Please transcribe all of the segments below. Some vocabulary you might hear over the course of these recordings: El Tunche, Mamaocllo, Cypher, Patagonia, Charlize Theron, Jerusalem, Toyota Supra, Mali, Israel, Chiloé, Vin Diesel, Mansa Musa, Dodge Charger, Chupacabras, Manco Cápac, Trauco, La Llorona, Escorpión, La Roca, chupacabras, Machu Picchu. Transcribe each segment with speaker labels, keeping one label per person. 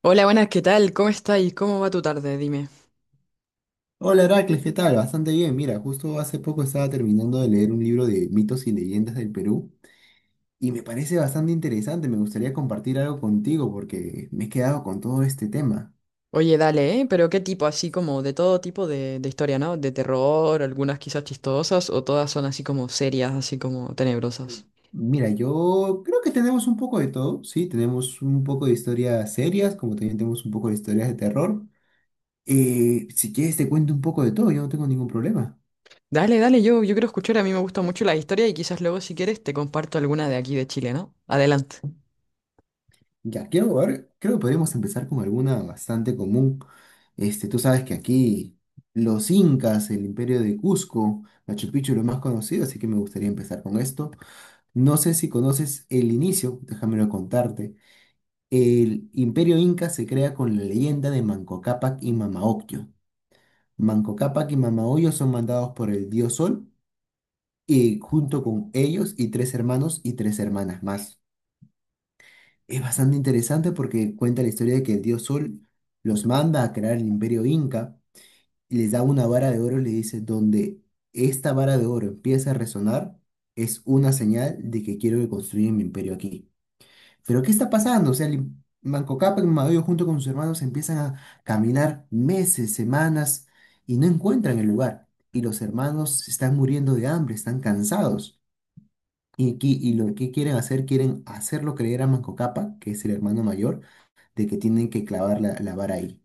Speaker 1: Hola, buenas, ¿qué tal? ¿Cómo estáis? ¿Cómo va tu tarde? Dime.
Speaker 2: Hola Heracles, ¿qué tal? Bastante bien. Mira, justo hace poco estaba terminando de leer un libro de mitos y leyendas del Perú y me parece bastante interesante. Me gustaría compartir algo contigo porque me he quedado con todo este tema.
Speaker 1: Oye, dale, ¿eh? Pero qué tipo, así como de todo tipo de historia, ¿no? De terror, algunas quizás chistosas, o todas son así como serias, así como tenebrosas.
Speaker 2: Mira, yo creo que tenemos un poco de todo, ¿sí? Tenemos un poco de historias serias, como también tenemos un poco de historias de terror. Si quieres te cuento un poco de todo, yo no tengo ningún problema.
Speaker 1: Dale, dale, yo quiero escuchar, a mí me gusta mucho la historia y quizás luego si quieres te comparto alguna de aquí de Chile, ¿no? Adelante.
Speaker 2: Ya, quiero ver, creo que podríamos empezar con alguna bastante común. Este, tú sabes que aquí los incas, el imperio de Cusco, Machu Picchu, lo más conocido, así que me gustaría empezar con esto. No sé si conoces el inicio, déjamelo contarte. El imperio inca se crea con la leyenda de Manco Cápac y Mamaocllo. Manco Cápac y Mamaocllo son mandados por el dios Sol y junto con ellos y tres hermanos y tres hermanas más. Es bastante interesante porque cuenta la historia de que el dios Sol los manda a crear el imperio inca y les da una vara de oro y le dice, donde esta vara de oro empieza a resonar, es una señal de que quiero que construyan mi imperio aquí. Pero ¿qué está pasando? O sea, Manco Cápac Mayo junto con sus hermanos empiezan a caminar meses, semanas y no encuentran el lugar. Y los hermanos se están muriendo de hambre, están cansados. Y lo que quieren hacer, quieren hacerlo creer a Manco Cápac, que es el hermano mayor, de que tienen que clavar la vara ahí.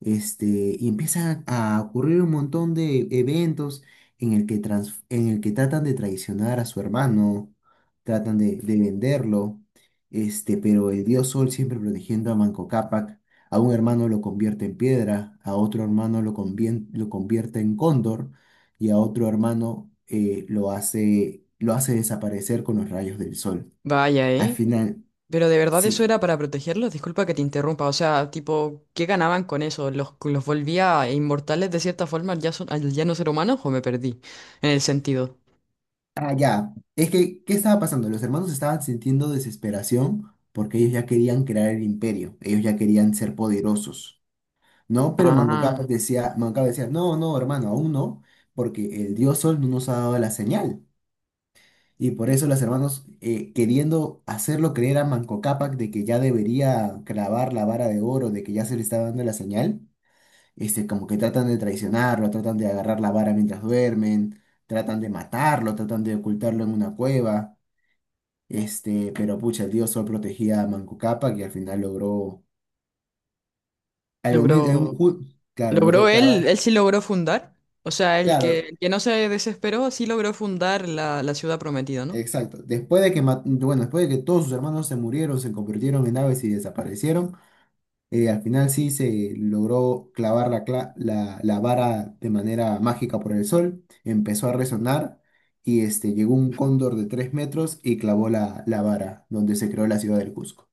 Speaker 2: Este, y empiezan a ocurrir un montón de eventos en el que tratan de traicionar a su hermano, tratan de venderlo, este, pero el dios Sol siempre protegiendo a Manco Cápac, a un hermano lo convierte en piedra, a otro hermano lo convierte en cóndor y a otro hermano lo hace desaparecer con los rayos del sol.
Speaker 1: Vaya,
Speaker 2: Al
Speaker 1: ¿eh?
Speaker 2: final,
Speaker 1: Pero de verdad eso
Speaker 2: sí.
Speaker 1: era para protegerlos, disculpa que te interrumpa, o sea, tipo, ¿qué ganaban con eso? ¿Los volvía inmortales de cierta forma al ya, al ya no ser humanos o me perdí en el sentido?
Speaker 2: Ah, ya. Es que, ¿qué estaba pasando? Los hermanos estaban sintiendo desesperación porque ellos ya querían crear el imperio, ellos ya querían ser poderosos, ¿no? Pero
Speaker 1: Ah.
Speaker 2: Manco Cápac decía, no, no, hermano, aún no, porque el dios Sol no nos ha dado la señal. Y por eso los hermanos, queriendo hacerlo creer a Manco Cápac de que ya debería clavar la vara de oro, de que ya se le estaba dando la señal, este, como que tratan de traicionarlo, tratan de agarrar la vara mientras duermen, tratan de matarlo, tratan de ocultarlo en una cueva. Este, pero pucha, el dios Sol protegía a Manco Cápac y al final logró. Al momento,
Speaker 1: Logró,
Speaker 2: claro,
Speaker 1: logró
Speaker 2: logró
Speaker 1: él
Speaker 2: clavar.
Speaker 1: sí logró fundar. O sea, el que,
Speaker 2: Claro,
Speaker 1: el que no se desesperó sí logró fundar la ciudad prometida, ¿no?
Speaker 2: exacto. Después de que, ma- bueno, después de que todos sus hermanos se murieron, se convirtieron en aves y desaparecieron, al final sí se logró clavar la vara de manera mágica por el sol. Empezó a resonar y este, llegó un cóndor de 3 metros y clavó la vara, donde se creó la ciudad del Cusco.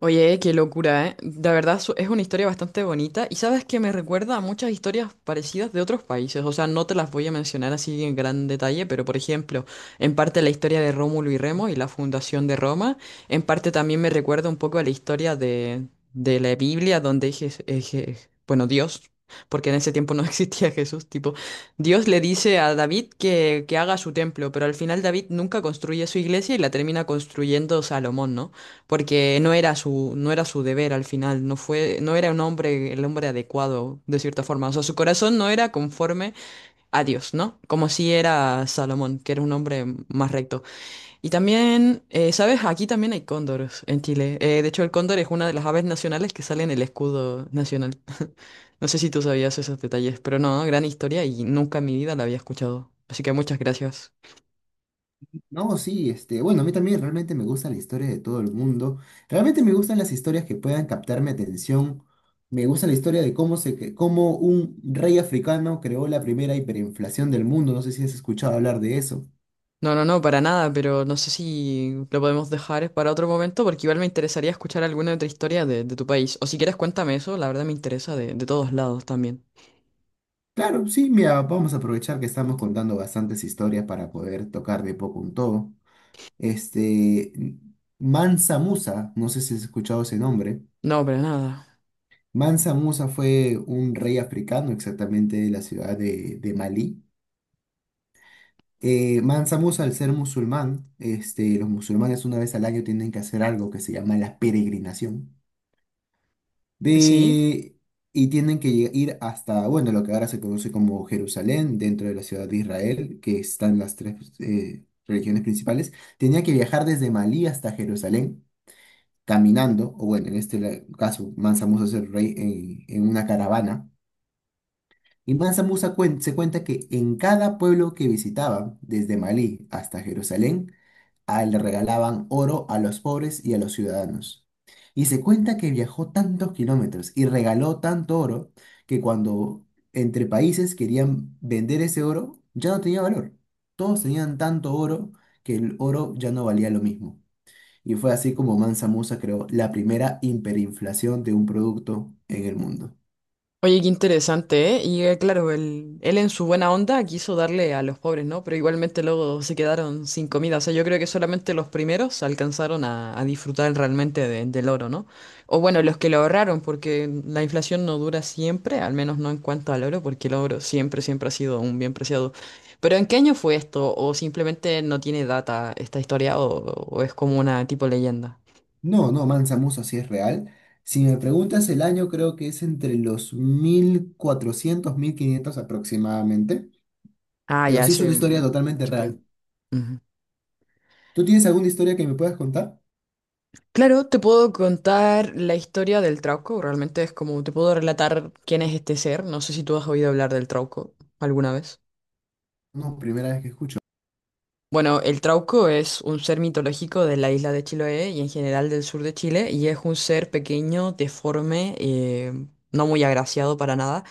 Speaker 1: Oye, qué locura, ¿eh? De verdad es una historia bastante bonita y sabes que me recuerda a muchas historias parecidas de otros países, o sea, no te las voy a mencionar así en gran detalle, pero por ejemplo, en parte la historia de Rómulo y Remo y la fundación de Roma, en parte también me recuerda un poco a la historia de la Biblia donde bueno, Dios, porque en ese tiempo no existía Jesús, tipo, Dios le dice a David que haga su templo, pero al final David nunca construye su iglesia y la termina construyendo Salomón, ¿no? Porque no era su deber al final, no era un hombre, el hombre adecuado, de cierta forma. O sea, su corazón no era conforme a Dios, ¿no? Como si era Salomón, que era un hombre más recto. Y también, ¿sabes? Aquí también hay cóndores en Chile. De hecho, el cóndor es una de las aves nacionales que sale en el escudo nacional. No sé si tú sabías esos detalles, pero no, gran historia y nunca en mi vida la había escuchado. Así que muchas gracias.
Speaker 2: No, sí, este, bueno, a mí también realmente me gusta la historia de todo el mundo. Realmente me gustan las historias que puedan captar mi atención. Me gusta la historia de cómo un rey africano creó la primera hiperinflación del mundo. No sé si has escuchado hablar de eso.
Speaker 1: No, no, no, para nada, pero no sé si lo podemos dejar para otro momento porque igual me interesaría escuchar alguna otra historia de tu país. O si quieres, cuéntame eso, la verdad me interesa de todos lados también.
Speaker 2: Claro, sí, mira, vamos a aprovechar que estamos contando bastantes historias para poder tocar de poco un todo. Este, Mansa Musa, no sé si has escuchado ese nombre.
Speaker 1: No, para nada.
Speaker 2: Mansa Musa fue un rey africano exactamente de la ciudad de Malí. Mansa Musa, al ser musulmán, este, los musulmanes una vez al año tienen que hacer algo que se llama la peregrinación.
Speaker 1: ¿Sí?
Speaker 2: De, y tienen que ir hasta, bueno, lo que ahora se conoce como Jerusalén, dentro de la ciudad de Israel, que están las tres religiones principales. Tenía que viajar desde Malí hasta Jerusalén caminando, o bueno, en este caso, Mansa Musa es el rey en una caravana. Y Mansa Musa se cuenta que en cada pueblo que visitaba, desde Malí hasta Jerusalén, le regalaban oro a los pobres y a los ciudadanos. Y se cuenta que viajó tantos kilómetros y regaló tanto oro que cuando entre países querían vender ese oro, ya no tenía valor. Todos tenían tanto oro que el oro ya no valía lo mismo. Y fue así como Mansa Musa creó la primera hiperinflación de un producto en el mundo.
Speaker 1: Oye, qué interesante, ¿eh? Y claro, él en su buena onda quiso darle a los pobres, ¿no? Pero igualmente luego se quedaron sin comida. O sea, yo creo que solamente los primeros alcanzaron a disfrutar realmente del oro, ¿no? O bueno, los que lo ahorraron, porque la inflación no dura siempre, al menos no en cuanto al oro, porque el oro siempre, siempre ha sido un bien preciado. Pero ¿en qué año fue esto? ¿O simplemente no tiene data esta historia? O es como una tipo leyenda?
Speaker 2: No, no, Mansa Musa sí es real. Si me preguntas el año, creo que es entre los 1400 1500 aproximadamente.
Speaker 1: Ah,
Speaker 2: Pero
Speaker 1: ya
Speaker 2: sí es
Speaker 1: hace
Speaker 2: una historia totalmente
Speaker 1: mucho tiempo.
Speaker 2: real.
Speaker 1: Ujú.
Speaker 2: ¿Tú tienes alguna historia que me puedas contar?
Speaker 1: Claro, te puedo contar la historia del Trauco, realmente es como te puedo relatar quién es este ser, no sé si tú has oído hablar del Trauco alguna vez.
Speaker 2: No, primera vez que escucho.
Speaker 1: Bueno, el Trauco es un ser mitológico de la isla de Chiloé y en general del sur de Chile y es un ser pequeño, deforme, no muy agraciado para nada,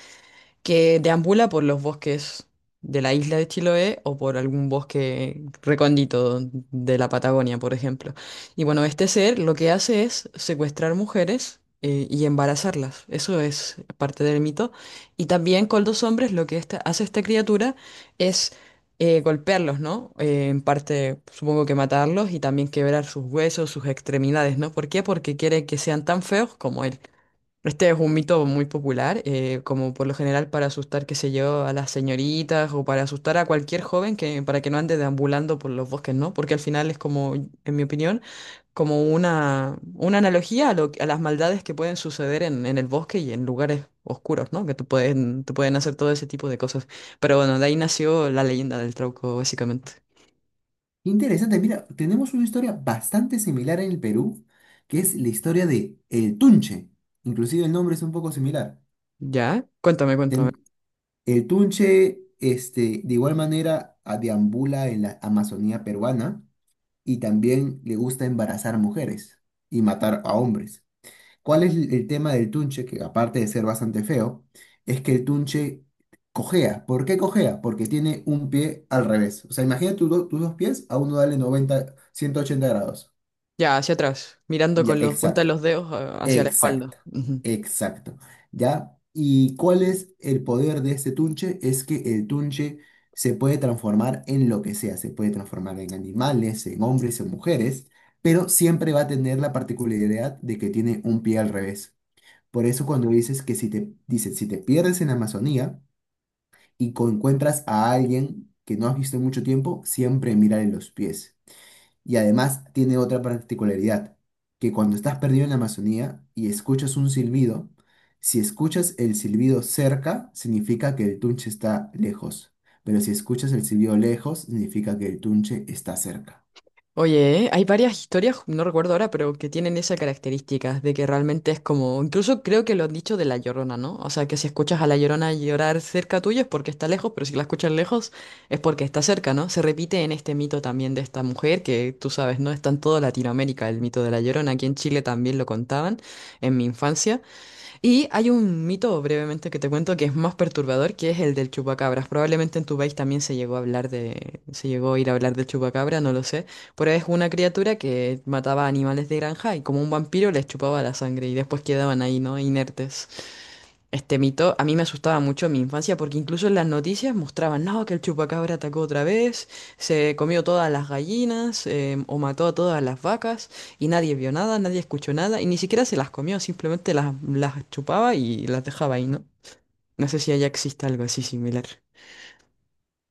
Speaker 1: que deambula por los bosques de la isla de Chiloé o por algún bosque recóndito de la Patagonia, por ejemplo. Y bueno, este ser lo que hace es secuestrar mujeres, y embarazarlas. Eso es parte del mito. Y también con los hombres lo que hace esta criatura es golpearlos, ¿no? En parte, supongo que matarlos y también quebrar sus huesos, sus extremidades, ¿no? ¿Por qué? Porque quiere que sean tan feos como él. Este es un mito muy popular, como por lo general para asustar, qué sé yo, a las señoritas o para asustar a cualquier joven que, para que no ande deambulando por los bosques, ¿no? Porque al final es como, en mi opinión, como una analogía a las maldades que pueden suceder en el bosque y en lugares oscuros, ¿no? Que te pueden hacer todo ese tipo de cosas. Pero bueno, de ahí nació la leyenda del trauco, básicamente.
Speaker 2: Interesante, mira, tenemos una historia bastante similar en el Perú, que es la historia de El Tunche. Inclusive el nombre es un poco similar.
Speaker 1: ¿Ya? Cuéntame, cuéntame.
Speaker 2: Ten- el Tunche, este, de igual manera, deambula en la Amazonía peruana y también le gusta embarazar mujeres y matar a hombres. ¿Cuál es el tema del tunche? Que aparte de ser bastante feo, es que el tunche cojea. ¿Por qué cojea? Porque tiene un pie al revés. O sea, imagina tus dos pies, a uno dale 90, 180 grados.
Speaker 1: Ya, hacia atrás, mirando
Speaker 2: Ya,
Speaker 1: con los puntas de
Speaker 2: exacto,
Speaker 1: los dedos, hacia la espalda.
Speaker 2: exacto,
Speaker 1: Ujú.
Speaker 2: exacto. ¿Ya? ¿Y cuál es el poder de este tunche? Es que el tunche se puede transformar en lo que sea. Se puede transformar en animales, en hombres, en mujeres, pero siempre va a tener la particularidad de que tiene un pie al revés. Por eso cuando dices que si te, dices, si te pierdes en la Amazonía y encuentras a alguien que no has visto en mucho tiempo, siempre mírale los pies. Y además tiene otra particularidad, que cuando estás perdido en la Amazonía y escuchas un silbido, si escuchas el silbido cerca, significa que el tunche está lejos. Pero si escuchas el silbido lejos, significa que el tunche está cerca.
Speaker 1: Oye, ¿eh? Hay varias historias, no recuerdo ahora, pero que tienen esa característica de que realmente es como, incluso creo que lo han dicho de La Llorona, ¿no? O sea, que si escuchas a La Llorona llorar cerca tuyo es porque está lejos, pero si la escuchas lejos es porque está cerca, ¿no? Se repite en este mito también de esta mujer, que tú sabes, ¿no? Está en toda Latinoamérica el mito de La Llorona, aquí en Chile también lo contaban en mi infancia. Y hay un mito brevemente que te cuento que es más perturbador, que es el del chupacabras. Probablemente en tu país también se llegó a ir a hablar del chupacabra, no lo sé, pero es una criatura que mataba animales de granja y como un vampiro les chupaba la sangre y después quedaban ahí, ¿no? Inertes. Este mito a mí me asustaba mucho en mi infancia porque incluso en las noticias mostraban, no, que el chupacabra atacó otra vez, se comió todas las gallinas o mató a todas las vacas y nadie vio nada, nadie escuchó nada y ni siquiera se las comió, simplemente las chupaba y las dejaba ahí, ¿no? No sé si allá existe algo así similar.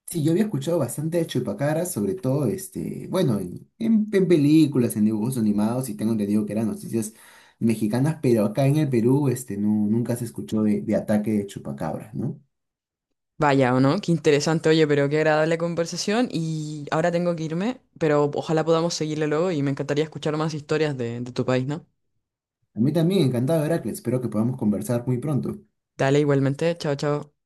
Speaker 2: Sí, yo había escuchado bastante de Chupacabras, sobre todo, este, bueno, en películas, en dibujos animados, y tengo entendido que eran noticias mexicanas, pero acá en el Perú, este, no, nunca se escuchó de ataque de Chupacabras, ¿no?
Speaker 1: Vaya, ¿o no? Qué interesante, oye, pero qué agradable conversación y ahora tengo que irme, pero ojalá podamos seguirle luego y me encantaría escuchar más historias de tu país, ¿no?
Speaker 2: A mí también, encantado, Heracles, espero que podamos conversar muy pronto.
Speaker 1: Dale igualmente, chao, chao.